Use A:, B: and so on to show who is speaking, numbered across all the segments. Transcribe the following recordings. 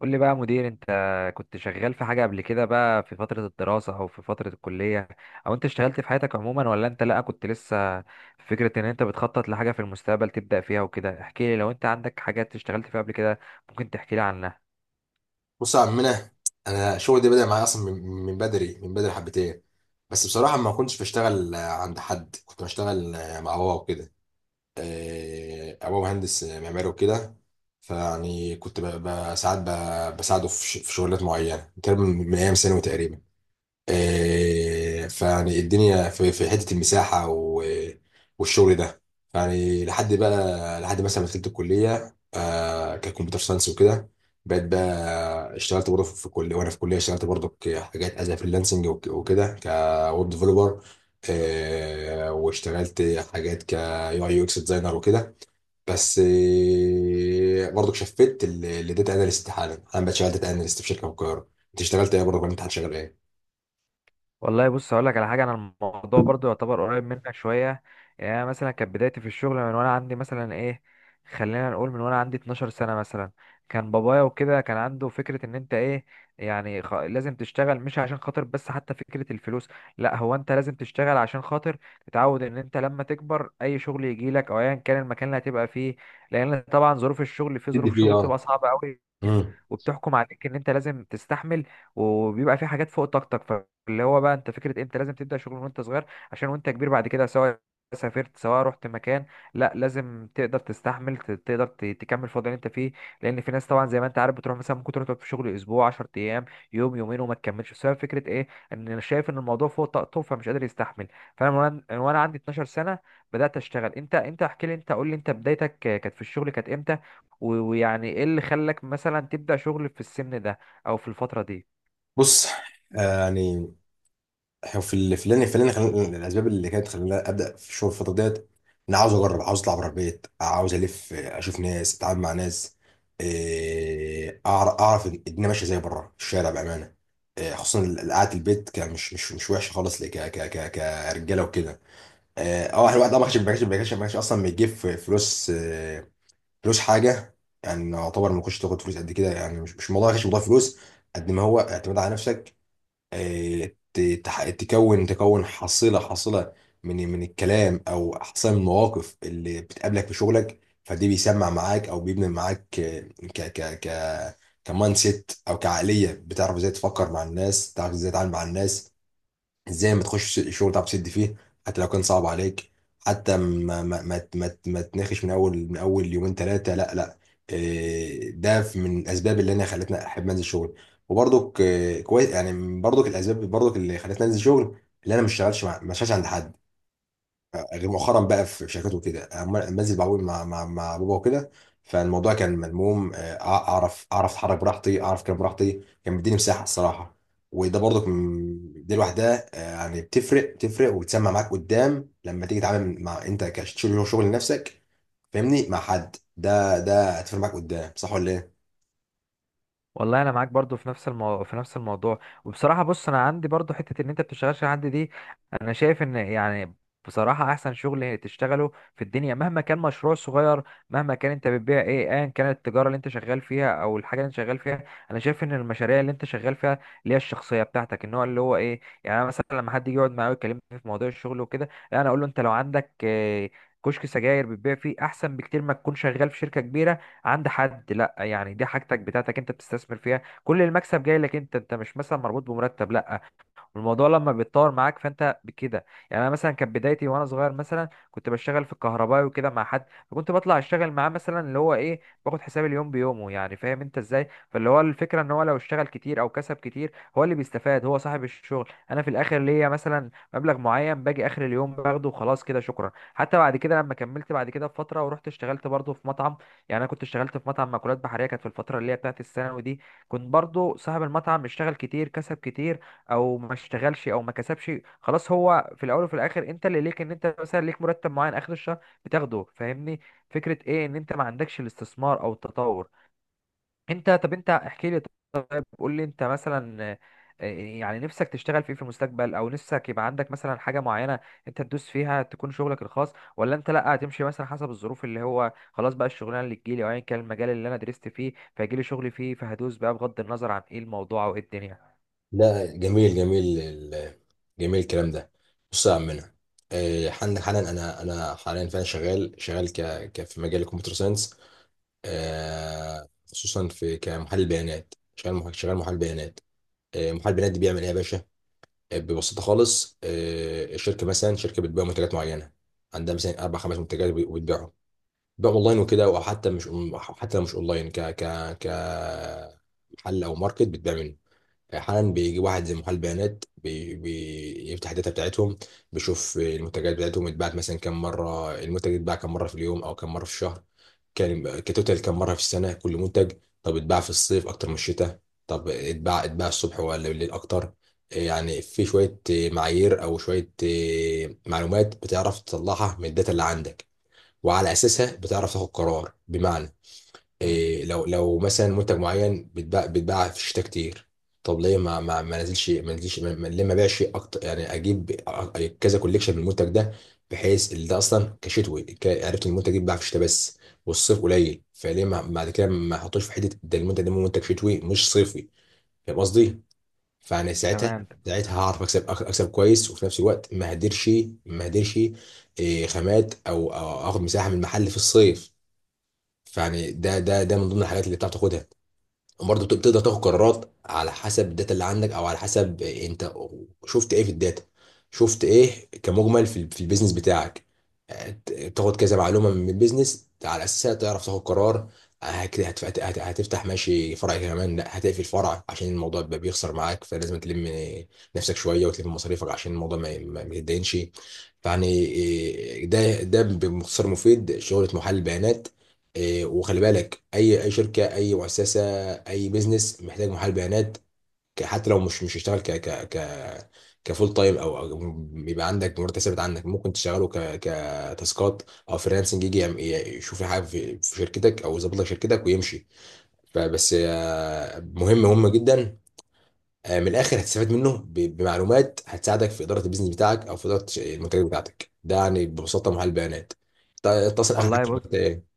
A: قول لي بقى يا مدير انت كنت شغال في حاجة قبل كده بقى في فترة الدراسة او في فترة الكلية، او انت اشتغلت في حياتك عموما ولا انت لا كنت لسه في فكرة ان انت بتخطط لحاجة في المستقبل تبدأ فيها وكده. احكي لي لو انت عندك حاجات اشتغلت فيها قبل كده ممكن تحكي لي عنها.
B: بص يا عمنا. انا الشغل ده بدأ معايا اصلا من بدري حبتين بس بصراحه ما كنتش بشتغل عند حد، كنت بشتغل مع بابا وكده. بابا مهندس معماري وكده، فيعني كنت ساعات بساعده في في شغلات معينه، تقريبا من ايام ثانوي تقريبا. فيعني الدنيا في حته المساحه والشغل ده، يعني لحد بقى لحد مثلا ما دخلت الكليه، ككمبيوتر ساينس وكده، بقيت اشتغلت برضه في كليه، وانا في كليه اشتغلت برضه حاجات از فريلانسنج وكده كويب ديفلوبر، واشتغلت حاجات كيو اي يو اكس ديزاينر وكده. بس برضه شفت لداتا اناليست، حالا انا بقيت شغال داتا اناليست في شركه في القاهره. انت اشتغلت ايه برضه، ولا انت هتشتغل ايه؟
A: والله بص، هقول لك على حاجه. انا الموضوع برضو يعتبر قريب منك شويه. يعني انا مثلا كانت بدايتي في الشغل من وانا عندي مثلا ايه، خلينا نقول من وانا عندي 12 سنه مثلا. كان بابايا وكده كان عنده فكره ان انت ايه، يعني لازم تشتغل مش عشان خاطر بس حتى فكره الفلوس، لا، هو انت لازم تشتغل عشان خاطر تتعود ان انت لما تكبر اي شغل يجي لك او ايا كان المكان اللي هتبقى فيه، لان طبعا ظروف الشغل في
B: تدي
A: ظروف
B: فيه
A: شغل بتبقى
B: اه.
A: صعبه قوي،
B: مم.
A: وبتحكم عليك ان انت لازم تستحمل، وبيبقى في حاجات فوق طاقتك. اللي هو بقى انت فكره انت لازم تبدا شغل وانت صغير عشان وانت كبير بعد كده، سواء سافرت سواء رحت مكان، لا لازم تقدر تستحمل، تقدر تكمل في الوضع اللي انت فيه. لان في ناس طبعا زي ما انت عارف بتروح مثلا ممكن تروح تقعد في شغل اسبوع 10 ايام، يوم يومين وما تكملش بسبب فكره ايه، ان انا شايف ان الموضوع فوق طاقته فمش قادر يستحمل. فانا من وانا عندي 12 سنه بدات اشتغل. انت احكي لي، انت قول لي انت بدايتك كانت في الشغل كانت امتى؟ ويعني ايه اللي خلاك مثلا تبدا شغل في السن ده او في الفتره دي؟
B: بص، يعني إحنا في ال- في اللي خلاني، الاسباب اللي كانت خلاني ابدا في الشغل الفتره ديت، انا عاوز اجرب، عاوز اطلع بره البيت، عاوز الف، اشوف ناس، اتعامل مع ناس، اعرف الدنيا ماشيه زي بره الشارع بامانه. خصوصا قعده البيت كان مش وحشه خالص، ك ك ك كرجاله وكده. احنا الواحد اه ما كانش اصلا بيجيب فلوس، فلوس حاجه، يعني يعتبر ما كنتش تاخد فلوس قد كده. يعني مش الموضوع، ما كانش موضوع فلوس قد ما هو اعتماد على نفسك. تكون حصيلة من الكلام، او حصيلة من المواقف اللي بتقابلك في شغلك، فدي بيسمع معاك او بيبني معاك، ك ك ك كمايند سيت او كعقلية، بتعرف ازاي تفكر مع الناس، تعرف ازاي تتعامل مع الناس، ازاي ما تخش شغل تعرف تسد فيه حتى لو كان صعب عليك، حتى ما تناقش من اول يومين ثلاثه، لا لا. إيه، ده من الاسباب اللي انا خلتنا احب انزل شغل. وبرضك إيه، كويس يعني، برضك الاسباب برضك اللي خلتنا انزل شغل، اللي انا ما اشتغلش ما اشتغلش عند حد غير مؤخرا بقى في شركات وكده. أما انزل بعوم مع بابا وكده، فالموضوع كان ملموم. اعرف اتحرك براحتي، اعرف كلام براحتي، كان بيديني مساحه الصراحه. وده برضك، دي لوحدها يعني بتفرق وبتسمع معاك قدام لما تيجي تتعامل مع انت كشغل، شغل لنفسك، فاهمني، مع حد، ده هتفرق معاك قدام. صح ولا ايه؟
A: والله انا معاك برضو في في نفس الموضوع. وبصراحه بص انا عندي برضو حته ان انت بتشتغلش عندي دي، انا شايف ان يعني بصراحه احسن شغل تشتغله في الدنيا، مهما كان مشروع صغير، مهما كان انت بتبيع ايه، ايا كانت التجاره اللي انت شغال فيها او الحاجه اللي انت شغال فيها، انا شايف ان المشاريع اللي انت شغال فيها اللي هي الشخصيه بتاعتك النوع اللي هو ايه، يعني انا مثلا لما حد يجي يقعد معايا ويكلمني في موضوع الشغل وكده لا انا اقول له انت لو عندك كشك سجاير بتبيع فيه احسن بكتير ما تكون شغال في شركه كبيره عند حد. لا يعني دي حاجتك بتاعتك، انت بتستثمر فيها، كل المكسب جاي لك انت مش مثلا مربوط بمرتب، لا. والموضوع لما بيتطور معاك فانت بكده. يعني انا مثلا كانت بدايتي وانا صغير مثلا كنت بشتغل في الكهرباء وكده مع حد، فكنت بطلع اشتغل معاه مثلا اللي هو ايه، باخد حساب اليوم بيومه، يعني فاهم انت ازاي. فاللي هو الفكره ان هو لو اشتغل كتير او كسب كتير هو اللي بيستفاد، هو صاحب الشغل. انا في الاخر ليا مثلا مبلغ معين، باجي اخر اليوم باخده وخلاص، كده شكرا. حتى بعد كده لما كملت بعد كده بفتره ورحت اشتغلت برضه في مطعم، يعني انا كنت اشتغلت في مطعم مأكولات بحريه، كانت في الفتره اللي هي بتاعت الثانوي دي، كنت برضه صاحب المطعم اشتغل كتير كسب كتير او ما اشتغلش او ما كسبش، خلاص هو في الاول وفي الاخر انت اللي ليك ان انت مثلا ليك مرتب معين اخر الشهر بتاخده، فاهمني؟ فكره ايه، ان انت ما عندكش الاستثمار او التطور. انت طب، انت احكي لي، طب قول لي انت مثلا، آه، يعني نفسك تشتغل في ايه في المستقبل، او نفسك يبقى عندك مثلا حاجه معينه انت تدوس فيها تكون شغلك الخاص، ولا انت لا هتمشي مثلا حسب الظروف، اللي هو خلاص بقى الشغلانه اللي تجيلي او ايا كان المجال اللي انا درست فيه فيجيلي شغل فيه فهدوس بقى بغض النظر عن ايه الموضوع او ايه الدنيا؟
B: لا، جميل جميل، جميل الكلام ده. بص يا عمنا، عندك حالا، انا حاليا فعلا شغال في مجال الكمبيوتر ساينس، خصوصا في كمحلل بيانات، شغال محلل بيانات. محلل بيانات دي بيعمل ايه يا باشا؟ ببساطه خالص، الشركه مثلا، شركه بتبيع منتجات معينه، عندها مثلا اربع خمس منتجات، وبتبيعهم بيع اونلاين وكده، او حتى مش حتى لو مش اونلاين، ك ك ك محل او ماركت بتبيع منه. احيانا بيجي واحد زي محلل بيانات، بيفتح الداتا بتاعتهم، بيشوف المنتجات بتاعتهم اتباعت مثلا كم مره، المنتج اتباع كم مره في اليوم، او كم مره في الشهر، كان كتوتال كم مره في السنه، كل منتج. طب اتباع في الصيف اكتر من الشتاء؟ طب اتباع الصبح ولا بالليل اكتر؟ يعني في شويه معايير او شويه معلومات بتعرف تطلعها من الداتا اللي عندك، وعلى اساسها بتعرف تاخد قرار. بمعنى إيه، لو لو مثلا منتج معين بيتباع في الشتاء كتير، طب ليه ما ما ما نزلش ما نزلش ما ما- ليه ما بيعش اكتر؟ يعني اجيب، كذا كوليكشن من المنتج ده، بحيث اللي ده اصلا كشتوي. عرفت إن المنتج ده بيتباع في الشتاء بس، والصيف قليل، فليه ما بعد كده ما احطوش في حته ده؟ المنتج ده منتج شتوي مش صيفي، فاهم قصدي؟ فانا ساعتها،
A: تمام.
B: ساعتها هعرف اكسب، اكسب كويس، وفي نفس الوقت ما هديرش، ما هديرش إيه، خامات او أو اخد مساحه من المحل في الصيف. فيعني ده ده ده من ضمن الحاجات اللي بتعرف تاخدها. وبرضه بتقدر تاخد قرارات على حسب الداتا اللي عندك، او على حسب انت شفت ايه في الداتا، شفت ايه كمجمل في في البيزنس بتاعك. تاخد كذا معلومه من البيزنس على اساسها تعرف تاخد قرار. هتفتح ماشي فرع كمان، لا هتقفل فرع عشان الموضوع يبقى بيخسر معاك، فلازم تلم نفسك شويه وتلم مصاريفك عشان الموضوع ما يتدينش. فيعني إيه، ده ده باختصار مفيد شغله محلل البيانات. إيه، وخلي بالك، اي اي شركه، اي مؤسسه، اي بيزنس محتاج محلل بيانات. حتى لو مش هشتغل ك ك ك كفول تايم، او أو بيبقى عندك مرتب ثابت، عندك ممكن تشتغله ك كتاسكات او فريلانسنج، يجي يشوف حاجه في في شركتك او يظبط لك شركتك ويمشي. فبس مهم، مهم جدا. من الاخر هتستفاد منه بمعلومات هتساعدك في اداره البيزنس بتاعك او في اداره المنتجات بتاعتك. ده يعني ببساطه محلل بيانات. اتصل اخر حاجه
A: والله بص،
B: شغلت ايه.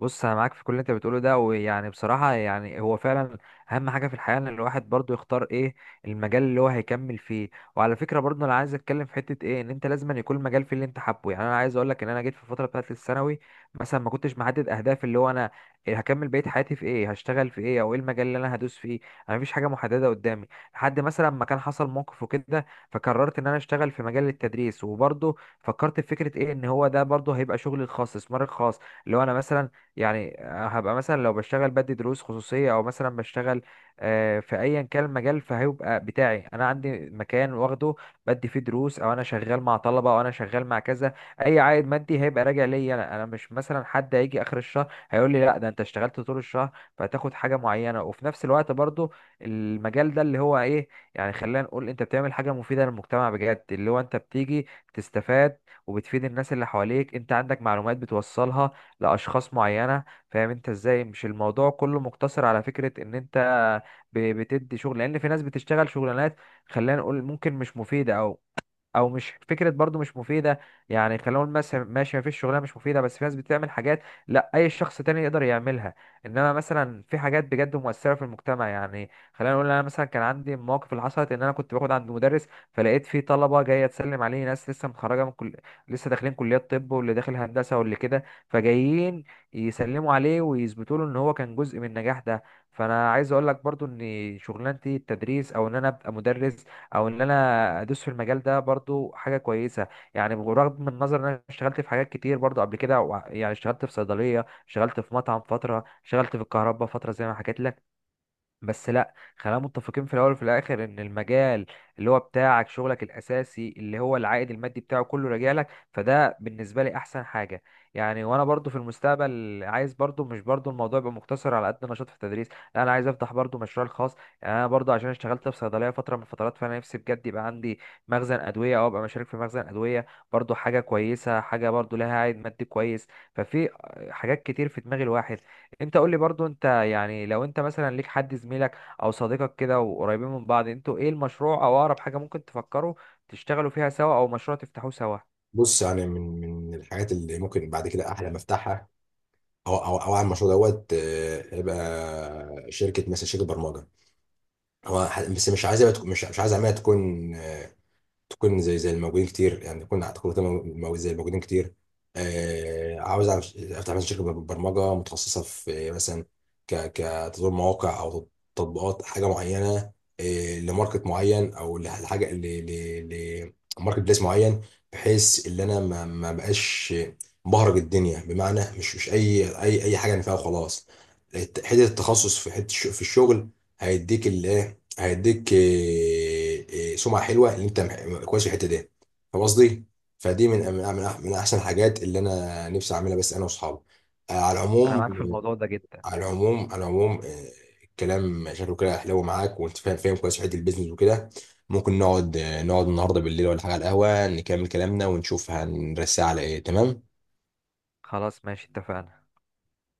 A: بص انا معاك في كل اللي انت بتقوله ده، ويعني بصراحه يعني هو فعلا اهم حاجه في الحياه ان الواحد برضو يختار ايه المجال اللي هو هيكمل فيه. وعلى فكره برضو انا عايز اتكلم في حته ايه، ان انت لازم أن يكون المجال فيه اللي انت حابه. يعني انا عايز اقول لك ان انا جيت في الفتره بتاعت الثانوي مثلا ما كنتش محدد اهداف اللي هو انا هكمل بقيه حياتي في ايه، هشتغل في ايه او ايه المجال اللي انا هدوس فيه. انا مفيش حاجه محدده قدامي لحد مثلا ما كان حصل موقف وكده فقررت ان انا اشتغل في مجال التدريس، وبرضو فكرت في فكره ايه، ان هو ده برضو هيبقى شغلي الخاص، استثماري الخاص، اللي هو انا مثلا يعني هبقى مثلا لو بشتغل بدي دروس خصوصية، أو مثلا بشتغل في أيا كان المجال فهيبقى بتاعي أنا، عندي مكان واخده بدي فيه دروس أو أنا شغال مع طلبة أو أنا شغال مع كذا، أي عائد مادي هيبقى راجع ليا أنا مش مثلا حد هيجي آخر الشهر هيقول لي لا، ده أنت اشتغلت طول الشهر فهتاخد حاجة معينة. وفي نفس الوقت برضو المجال ده اللي هو إيه، يعني خلينا نقول أنت بتعمل حاجة مفيدة للمجتمع بجد، اللي هو أنت بتيجي تستفاد وبتفيد الناس اللي حواليك، أنت عندك معلومات بتوصلها لاشخاص معينه، فاهم انت ازاي. مش الموضوع كله مقتصر على فكره ان انت بتدي شغل، لان في ناس بتشتغل شغلانات خلينا نقول ممكن مش مفيده، او او مش فكره برضو مش مفيده. يعني خلينا نقول مثلا ماشي مفيش شغلانه مش مفيده، بس في ناس بتعمل حاجات لا اي شخص تاني يقدر يعملها، انما مثلا في حاجات بجد مؤثره في المجتمع. يعني خلينا نقول انا مثلا كان عندي مواقف اللي حصلت، ان انا كنت باخد عند مدرس فلقيت في طلبه جايه تسلم عليه، ناس لسه متخرجه من كل، لسه داخلين كليه طب واللي داخل هندسه واللي كده، فجايين يسلموا عليه ويثبتوا له ان هو كان جزء من النجاح ده. فانا عايز اقول لك برضو ان شغلانتي التدريس او ان انا ابقى مدرس او ان انا ادوس في المجال ده برضو حاجه كويسه، يعني برغم النظر ان انا اشتغلت في حاجات كتير برضو قبل كده يعني اشتغلت في صيدليه، اشتغلت في مطعم فتره، اشتغلت في الكهرباء فتره زي ما حكيت لك، بس لا خلينا متفقين في الاول وفي الاخر ان المجال اللي هو بتاعك شغلك الاساسي اللي هو العائد المادي بتاعه كله راجع لك، فده بالنسبه لي احسن حاجه. يعني وانا برضو في المستقبل عايز برضو، مش برضو الموضوع يبقى مقتصر على قد نشاط في التدريس، لا انا عايز افتح برضو مشروع خاص. يعني انا برضو عشان اشتغلت في صيدليه فتره من الفترات فانا نفسي بجد يبقى عندي مخزن ادويه او ابقى مشارك في مخزن ادويه، برضو حاجه كويسه، حاجه برضو لها عائد مادي كويس. ففي حاجات كتير في دماغ الواحد. انت قول لي برضو انت، يعني لو انت مثلا ليك حد زميلك او صديقك كده وقريبين من بعض، انتوا ايه المشروع او اقرب حاجة ممكن تفكروا تشتغلوا فيها سوا او مشروع تفتحوه سوا؟
B: بص، يعني من الحاجات اللي ممكن بعد كده احلم افتحها، هو عامل المشروع دوت، هيبقى شركه مثلا، شركه برمجه، هو بس مش عايز يبقى مش مش عايز اعملها تكون، تكون زي الموجودين كتير، يعني زي الموجودين كتير. عاوز افتح مثلا شركه برمجه متخصصه في مثلا كتطوير مواقع او تطبيقات حاجه معينه، لماركت معين او لحاجه، لماركت بليس معين، بحيث ان انا ما ما بقاش مبهرج الدنيا، بمعنى مش مش اي حاجه انا فيها وخلاص. حته التخصص في حته في الشغل هيديك الايه، هيديك سمعه حلوه ان انت كويس في الحته دي، فاهم قصدي. فدي من احسن الحاجات اللي انا نفسي اعملها، بس انا واصحابي، على
A: انا
B: العموم.
A: معاك في الموضوع ده جدا.
B: على العموم، الكلام شكله كده حلو معاك، وانت فاهم، كويس في حته البيزنس وكده. ممكن نقعد، نقعد النهارده بالليل ولا حاجه على القهوه، نكمل كلامنا ونشوف هنرسي على ايه. تمام؟
A: خلاص ماشي اتفقنا.